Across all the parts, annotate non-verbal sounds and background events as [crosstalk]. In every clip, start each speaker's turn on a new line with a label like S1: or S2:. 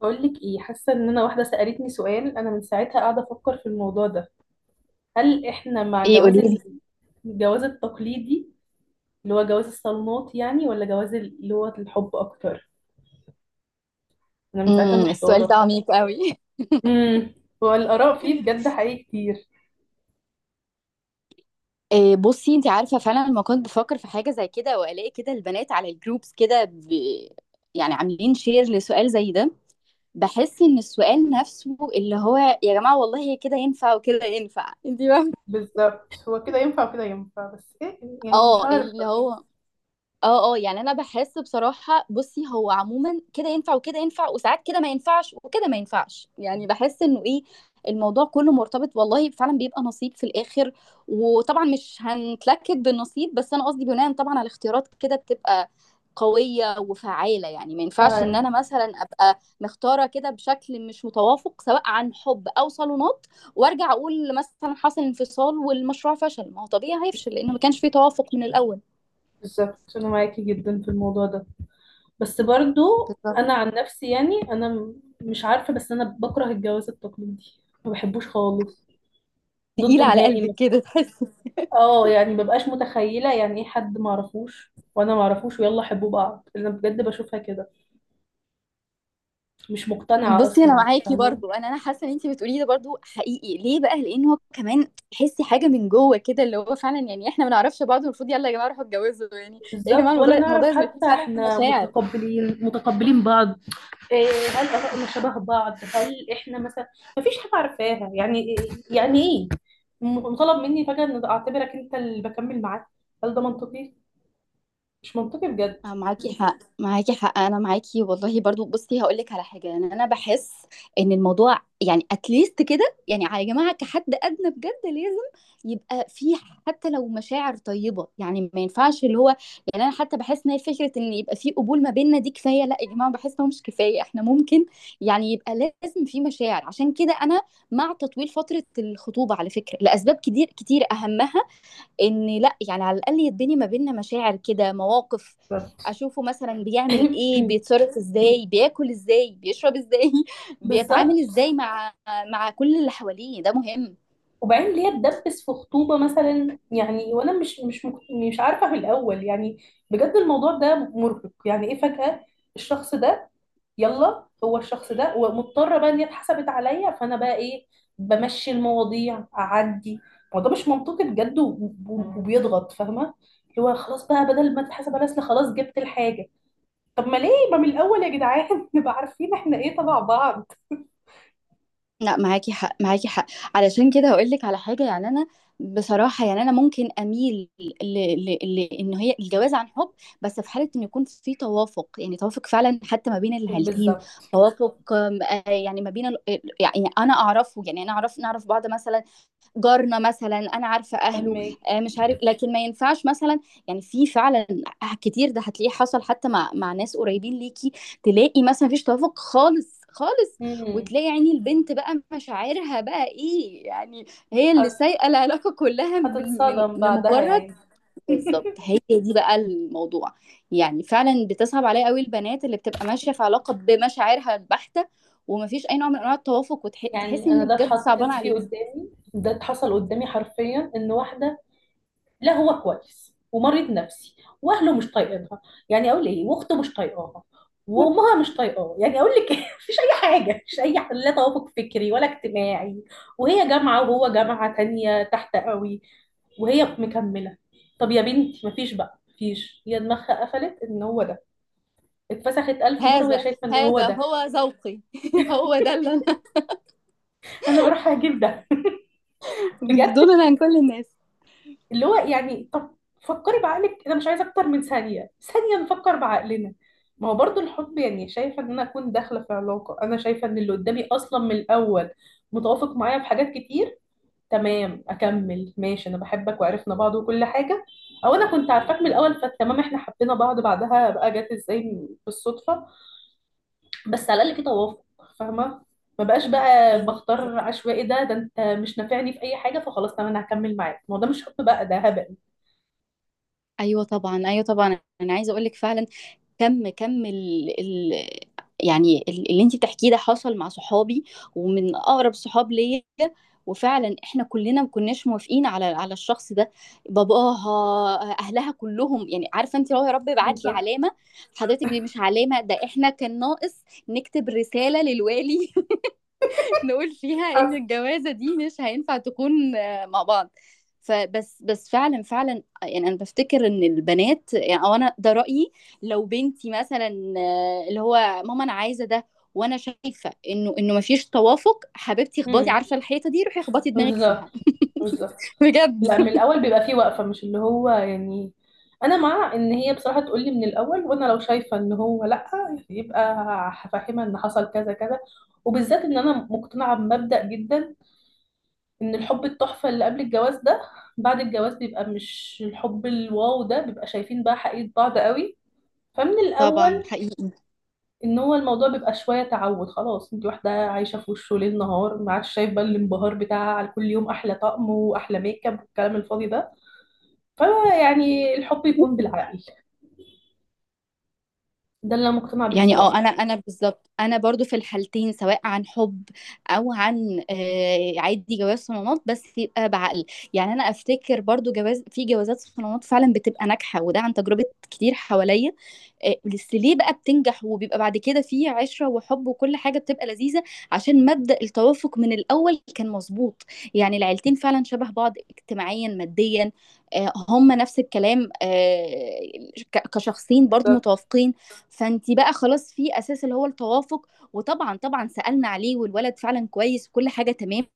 S1: بقول لك ايه، حاسه ان انا واحده سالتني سؤال انا من ساعتها قاعده افكر في الموضوع ده. هل احنا مع
S2: ايه،
S1: جواز
S2: قوليلي.
S1: الجواز التقليدي، اللي هو جواز الصالونات يعني، ولا جواز اللي هو الحب اكتر؟ انا من ساعتها
S2: السؤال ده
S1: محتاره.
S2: عميق قوي.
S1: امم. هو الاراء فيه بجد حقيقي كتير.
S2: إيه. [laughs] بصي، انت عارفه فعلا لما كنت بفكر في حاجه زي كده والاقي كده البنات على الجروبس كده يعني عاملين شير لسؤال زي ده. بحس ان السؤال نفسه اللي هو يا جماعه والله كده ينفع وكده ينفع، انت فاهمه.
S1: بالظبط، هو كده ينفع وكده ينفع، بس ايه يعني، مش
S2: اه
S1: عارفه
S2: اللي
S1: مش
S2: هو، اه يعني انا بحس بصراحه. بصي، هو عموما كده ينفع وكده ينفع، وساعات كده ما ينفعش وكده ما ينفعش. يعني بحس انه ايه، الموضوع كله مرتبط والله، فعلا بيبقى نصيب في الاخر. وطبعا مش هنتلكك بالنصيب، بس انا قصدي بناء طبعا على اختيارات كده بتبقى قويه وفعاله. يعني ما ينفعش ان
S1: عارفة.
S2: انا مثلا ابقى مختاره كده بشكل مش متوافق، سواء عن حب او صالونات. وارجع اقول مثلا حصل انفصال والمشروع فشل، ما هو طبيعي هيفشل لانه ما كانش فيه توافق من الاول.
S1: بالظبط انا معاكي جدا في الموضوع ده، بس برضو
S2: بالظبط.
S1: انا عن نفسي يعني انا مش عارفه، بس انا بكره الجواز التقليدي، ما بحبوش خالص،
S2: تقيلة
S1: ضده
S2: على
S1: نهائي
S2: قلبك
S1: مثلا.
S2: كده تحسي؟
S1: اه يعني مبقاش متخيله يعني ايه حد ما اعرفوش وانا ما اعرفوش ويلا حبوا بعض، انا بجد بشوفها كده، مش مقتنعه
S2: بصي، انا
S1: اصلا،
S2: معاكي
S1: فاهمه؟
S2: برضو. انا حاسه ان انت بتقوليه ده برضو حقيقي. ليه بقى؟ لان هو كمان تحسي حاجه من جوه كده اللي هو فعلا يعني احنا ما نعرفش بعض، المفروض يلا يا جماعه روحوا اتجوزوا يعني. إيه يا جماعه،
S1: بالظبط، ولا
S2: الموضوع
S1: نعرف
S2: لازم يكون
S1: حتى
S2: فعلا
S1: احنا
S2: مشاعر.
S1: متقبلين متقبلين بعض. إيه. هل آرائنا شبه بعض؟ هل احنا مثلا مفيش حاجه عارفاها؟ يعني يعني ايه مطالب مني فجاه ان اعتبرك انت اللي بكمل معاك؟ هل ده منطقي؟ مش منطقي بجد.
S2: معاكي حق، معاكي حق، انا معاكي والله برضو. بصي، هقول لك على حاجه. يعني انا بحس ان الموضوع يعني اتليست كده، يعني يا جماعه كحد ادنى بجد لازم يبقى في حتى لو مشاعر طيبه، يعني ما ينفعش اللي هو. يعني انا حتى بحس ان هي فكره ان يبقى في قبول ما بيننا دي كفايه. لا يا جماعه، بحس انه مش كفايه، احنا ممكن يعني يبقى لازم في مشاعر. عشان كده انا مع تطويل فتره الخطوبه على فكره، لاسباب كتير كتير اهمها ان لا يعني، على الاقل يديني ما بيننا مشاعر كده مواقف.
S1: بالظبط.
S2: اشوفه مثلا بيعمل ايه،
S1: [clears throat]
S2: بيتصرف ازاي، بياكل ازاي، بيشرب ازاي، [laughs] بيتعامل
S1: بالظبط.
S2: ازاي مع كل اللي حواليه، ده مهم.
S1: وبعدين ليه اتدبس في خطوبة مثلا، يعني وانا مش عارفة من الاول يعني؟ بجد الموضوع ده مرهق. يعني ايه فجأة الشخص ده؟ يلا هو الشخص ده، ومضطرة بقى ان هي اتحسبت عليا، فانا بقى ايه، بمشي المواضيع اعدي؟ الموضوع مش منطقي بجد، وبيضغط. فاهمة، اللي هو خلاص بقى بدل ما تتحسب على اصل خلاص جبت الحاجة. طب ما ليه، ما من الاول يا جدعان [laughs] نبقى عارفين احنا ايه تبع بعض.
S2: لا، معاكي حق، معاكي حق. علشان كده هقول لك على حاجه. يعني انا بصراحه، يعني انا ممكن اميل ان هي الجواز عن حب. بس في حاله ان يكون في توافق، يعني توافق فعلا حتى ما بين العيلتين.
S1: بالظبط.
S2: توافق آم، آه، يعني ما بين يعني انا اعرفه، يعني انا اعرف نعرف بعض مثلا. جارنا مثلا انا عارفه اهله.
S1: فاهمك.
S2: مش عارف، لكن ما ينفعش مثلا. يعني في فعلا كتير ده هتلاقيه حصل حتى مع ناس قريبين ليكي. تلاقي مثلا مفيش توافق خالص خالص.
S1: امم.
S2: وتلاقي يعني البنت بقى مشاعرها بقى ايه، يعني هي اللي
S1: حصل.
S2: سايقه العلاقه كلها من
S1: هتتصدم بعدها يا
S2: لمجرد.
S1: عيني.
S2: بالظبط،
S1: [laughs]
S2: هي دي بقى الموضوع. يعني فعلا بتصعب عليا قوي البنات اللي بتبقى ماشيه في علاقه بمشاعرها البحته، ومفيش اي نوع من انواع التوافق، وتحسي
S1: يعني انا
S2: ان
S1: ده
S2: بجد صعبان
S1: اتحطيت فيه
S2: عليكي.
S1: قدامي، ده اتحصل قدامي حرفيا، ان واحده، لا هو كويس ومريض نفسي، واهله مش طايقينها، يعني اقول ايه، واخته مش طايقاها، وامها مش طايقاه، يعني اقول لك إيه؟ [laughs] مفيش اي حاجه، لا توافق فكري ولا اجتماعي، وهي جامعه وهو جامعه تانية تحت قوي، وهي مكمله. طب يا بنتي، مفيش هي دماغها قفلت ان هو ده، اتفسخت الف مره وهي
S2: هذا
S1: شايفه ان هو
S2: هذا
S1: ده،
S2: هو ذوقي. [laughs] هو ده اللي أنا. [laughs]
S1: انا بروح اجيب ده
S2: من
S1: بجد.
S2: دون عن كل الناس.
S1: اللي هو يعني طب فكري بعقلك، انا مش عايزه اكتر من ثانيه ثانيه نفكر بعقلنا. ما هو برضو الحب يعني، شايفه ان انا اكون داخله في علاقه انا شايفه ان اللي قدامي اصلا من الاول متوافق معايا في حاجات كتير، تمام اكمل ماشي، انا بحبك وعرفنا بعض وكل حاجه، او انا كنت عارفاك من الاول فتمام، احنا حبينا بعض بعدها بقى، جت ازاي بالصدفه، بس على الاقل في توافق، فاهمه؟ ما بقاش بقى
S2: أيوه،
S1: بختار عشوائي، ده انت مش نافعني في اي حاجه فخلاص تمام انا هكمل معاك، ما هو ده مش حب بقى، ده هبل.
S2: أيوه طبعًا، أيوه طبعًا، أنا عايزة أقول لِك فعلًا. كَم كَم ال ال يعني اللي أنتِ بتحكيه ده حصل مع صحابي، ومن أقرب صحاب ليّا، وفعلًا إحنا كُلّنا ما كُناش موافقين على الشخص ده. باباها، أهلها كُلّهم، يعني عارفة أنتِ اللي هو يا رب ابعت لي
S1: بالظبط.
S2: علامة، حضرتِك دي مش علامة، ده إحنا كان ناقص نكتب رسالة للوالي نقول فيها ان
S1: حظ.
S2: الجوازه دي مش هينفع تكون مع بعض. فبس بس فعلا فعلا، يعني انا بفتكر ان البنات يعني، او انا ده رايي. لو بنتي مثلا، اللي هو ماما انا عايزه ده، وانا شايفه انه مفيش توافق، حبيبتي اخبطي،
S1: امم.
S2: عارفه الحيطه دي، روحي اخبطي دماغك
S1: بالظبط.
S2: فيها.
S1: بالظبط.
S2: [laughs] بجد.
S1: لا من الاول بيبقى فيه وقفه، مش اللي هو يعني. انا مع ان هي بصراحه تقول لي من الاول، وانا لو شايفه ان هو لا، يبقى هفهمها ان حصل كذا كذا. وبالذات ان انا مقتنعه بمبدأ جدا، ان الحب التحفه اللي قبل الجواز ده، بعد الجواز بيبقى مش الحب الواو ده، بيبقى شايفين بقى حقيقه بعض قوي. فمن
S2: طبعا
S1: الاول
S2: حقيقي.
S1: ان هو الموضوع بيبقى شويه تعود، خلاص انت واحده عايشه في وشه ليل نهار، ما عادش شايفه الانبهار بتاعها على كل يوم احلى طقم واحلى ميك اب والكلام الفاضي ده. فيعني الحب يكون بالعقل، ده اللي انا مقتنعه بيه
S2: يعني اه،
S1: بصراحه.
S2: انا بالظبط، انا برضو في الحالتين، سواء عن حب او عن عادي جواز صالونات، بس يبقى بعقل. يعني انا افتكر برضو جواز في جوازات صالونات فعلا بتبقى ناجحه، وده عن تجربه كتير حواليا. بس ليه بقى بتنجح وبيبقى بعد كده في عشره وحب وكل حاجه بتبقى لذيذه؟ عشان مبدأ التوافق من الاول كان مظبوط. يعني العيلتين فعلا شبه بعض، اجتماعيا، ماديا، هم نفس الكلام. كشخصين برضو
S1: بالظبط.
S2: متوافقين. فانت بقى خلاص في اساس اللي هو التوافق. وطبعا طبعا سالنا عليه، والولد فعلا كويس وكل حاجه تمام.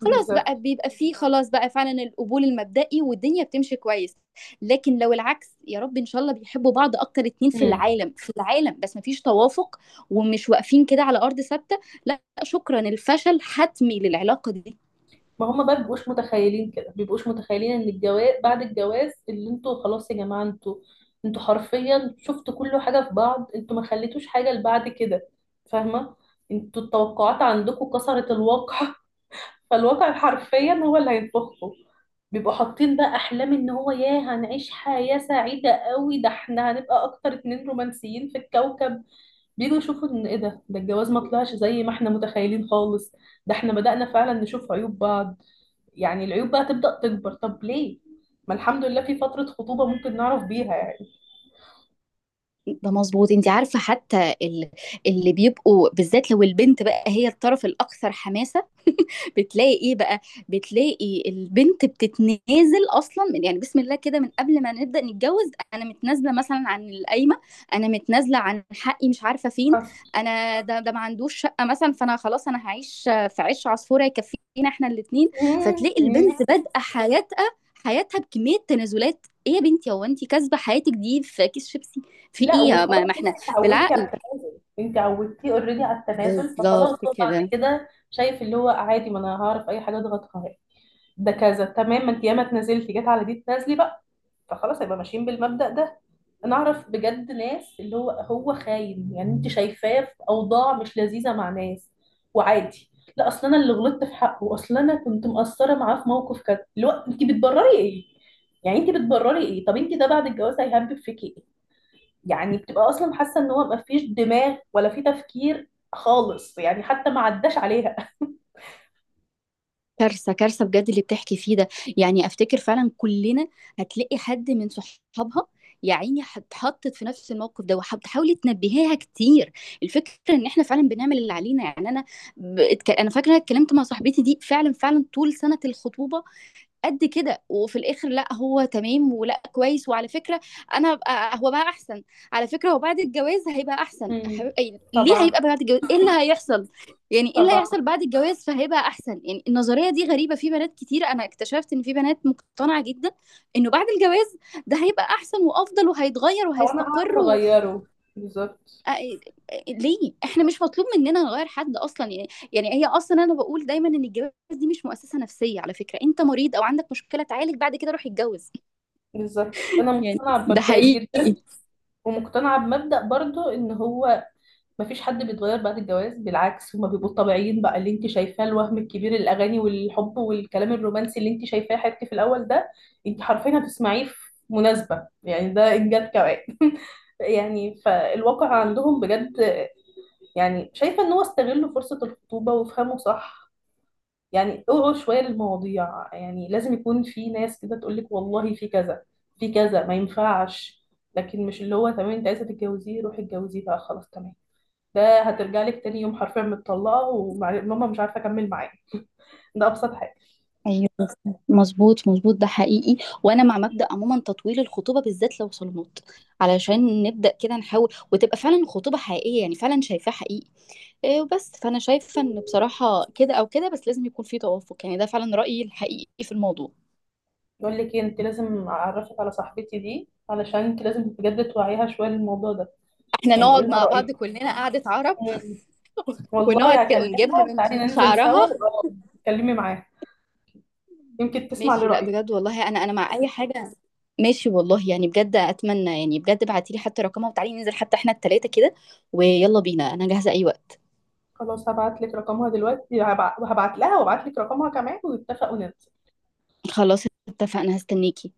S2: خلاص بقى
S1: بالظبط.
S2: بيبقى في، خلاص بقى فعلا القبول المبدئي والدنيا بتمشي كويس. لكن لو العكس، يا رب ان شاء الله، بيحبوا بعض اكتر اتنين في
S1: امم.
S2: العالم في العالم، بس مفيش توافق، ومش واقفين كده على ارض ثابته. لا شكرا، الفشل حتمي للعلاقه دي.
S1: ما هما بقى بيبقوش متخيلين كده، بيبقوش متخيلين ان الجواز بعد الجواز، اللي انتوا خلاص يا جماعه، انتوا حرفيا شفتوا كل حاجه في بعض، انتوا ما خليتوش حاجه لبعد كده، فاهمه؟ انتوا التوقعات عندكم كسرت الواقع. [laughs] فالواقع حرفيا هو اللي هيطبخه. بيبقوا حاطين بقى احلام ان هو ياه، هنعيش حياة سعيدة قوي، ده احنا هنبقى اكتر اتنين رومانسيين في الكوكب. بيجوا يشوفوا ان ايه ده الجواز ما طلعش زي ما احنا متخيلين خالص، ده احنا بدأنا فعلا نشوف عيوب بعض. يعني العيوب بقى تبدأ تكبر. طب ليه؟ ما الحمد لله في فترة خطوبة ممكن نعرف بيها يعني.
S2: ده مظبوط، انت عارفه حتى اللي بيبقوا بالذات لو البنت بقى هي الطرف الاكثر حماسه. بتلاقي ايه بقى؟ بتلاقي البنت بتتنازل اصلا من يعني بسم الله كده من قبل ما نبدا نتجوز، انا متنازله مثلا عن القايمه، انا متنازله عن حقي مش عارفه فين.
S1: حصل.
S2: انا ده ما عندوش شقه مثلا، فانا خلاص انا هعيش في عيش عصفوره يكفينا احنا الاثنين. فتلاقي
S1: [laughs]
S2: البنت بادئه حياتها بكميه تنازلات. ايه يا بنتي، هو انت كاسبه حياتك دي في كيس شيبسي؟ في
S1: لا
S2: ايه؟ ما,
S1: وخلاص،
S2: ما
S1: انت
S2: احنا.
S1: اتعودتي على
S2: بالعقل.
S1: التنازل، انت عودتيه اوريدي على التنازل، فخلاص
S2: بالظبط
S1: هو بعد
S2: كده.
S1: كده شايف اللي هو عادي، ما انا هعرف اي حاجه اضغط قهر. ده كذا تمام، ما انت ياما اتنازلتي، جت على دي تنازلي بقى. فخلاص هيبقى ماشيين بالمبدأ ده. انا اعرف بجد ناس، اللي هو خاين، يعني انت شايفاه في اوضاع مش لذيذه مع ناس، وعادي. لا اصل انا اللي غلطت في حقه، اصل انا كنت مقصره معاه في موقف كذا، اللي هو انت بتبرري ايه يعني، انت بتبرري ايه؟ طب انت ده بعد الجواز هيهبب فيكي. يعني بتبقى اصلا حاسه ان هو مفيش دماغ ولا في تفكير خالص، يعني حتى ما عداش عليها.
S2: كارثة كارثة بجد اللي بتحكي فيه ده. يعني افتكر فعلا كلنا هتلاقي حد من صحابها يا عيني اتحطت في نفس الموقف ده، وحاولي تنبهيها كتير. الفكرة ان احنا فعلا بنعمل اللي علينا. يعني انا فاكرة اتكلمت مع صاحبتي دي فعلا فعلا طول سنة الخطوبة، قد كده، وفي الاخر لا هو تمام ولا كويس. وعلى فكره، انا بقى هو بقى احسن. على فكره، هو بعد الجواز هيبقى احسن.
S1: مم.
S2: ليه
S1: طبعا.
S2: هيبقى بعد الجواز؟ ايه اللي هيحصل؟ يعني ايه اللي
S1: طبعا.
S2: هيحصل بعد الجواز فهيبقى احسن؟ يعني النظريه دي غريبه. في بنات كتير انا اكتشفت ان في بنات مقتنعه جدا انه بعد الجواز ده هيبقى احسن وافضل وهيتغير
S1: او انا هعرف
S2: وهيستقر
S1: اغيره. بالظبط.
S2: آه، ليه احنا مش مطلوب مننا نغير حد اصلا يعني. يعني هي اصلا، انا بقول دايما ان الجواز دي مش مؤسسة نفسية على فكرة، انت مريض او عندك مشكلة تعالج، بعد كده روح اتجوز.
S1: بالظبط. انا
S2: يعني
S1: مقتنعه
S2: ده
S1: بمبدأي جدا،
S2: حقيقي.
S1: ومقتنعه بمبدأ برضو ان هو مفيش حد بيتغير بعد الجواز، بالعكس هما بيبقوا طبيعيين بقى، اللي انت شايفاه الوهم الكبير، الاغاني والحب والكلام الرومانسي اللي انت شايفاه حبيبتي في الاول ده، انت حرفيا هتسمعيه في مناسبة، يعني ده انجاز كمان. [laughs] يعني فالواقع عندهم بجد. يعني شايفة ان هو استغلوا فرصة الخطوبة وافهموا صح. يعني اوعوا شوية للمواضيع، يعني لازم يكون في ناس كده تقولك والله في كذا، في كذا ما ينفعش. لكن مش اللي هو تمام انت عايزة تتجوزيه روحي اتجوزيه بقى، خلاص تمام. ده هترجع لك تاني يوم حرفيا متطلقه، وماما مش عارفه اكمل معاه، ده ابسط حاجه.
S2: ايوه، مظبوط مظبوط ده حقيقي. وانا مع مبدأ عموما تطويل الخطوبة، بالذات لو صالونات، علشان نبدأ كده نحاول وتبقى فعلا خطوبة حقيقية، يعني فعلا شايفاها حقيقي. إيه وبس. فانا شايفة ان بصراحة كده او كده، بس لازم يكون في توافق، يعني ده فعلا رأيي الحقيقي في الموضوع.
S1: يقول لك إيه، انت لازم اعرفك على صاحبتي دي، علشان انت لازم بجد توعيها شويه للموضوع ده،
S2: احنا
S1: يعني
S2: نقعد
S1: قولي لها
S2: مع بعض
S1: رايك.
S2: كلنا قعدة عرب.
S1: مم.
S2: [laughs] ونقعد
S1: والله
S2: كده
S1: هكلمها،
S2: ونجيبها من
S1: وتعالي
S2: من
S1: ننزل سوا
S2: شعرها.
S1: وأقعد اتكلمي معاها، يمكن تسمع
S2: ماشي. لا
S1: لرايي.
S2: بجد والله، انا مع اي حاجة. ماشي والله، يعني بجد اتمنى، يعني بجد ابعتي لي حتى رقمها، وتعالي ننزل حتى احنا التلاتة كده. ويلا بينا، انا جاهزة اي وقت.
S1: خلاص هبعت لك رقمها دلوقتي، هبعت لها وابعت لك رقمها كمان، ونتفقوا ننزل.
S2: خلاص. اتفقنا. هستنيكي.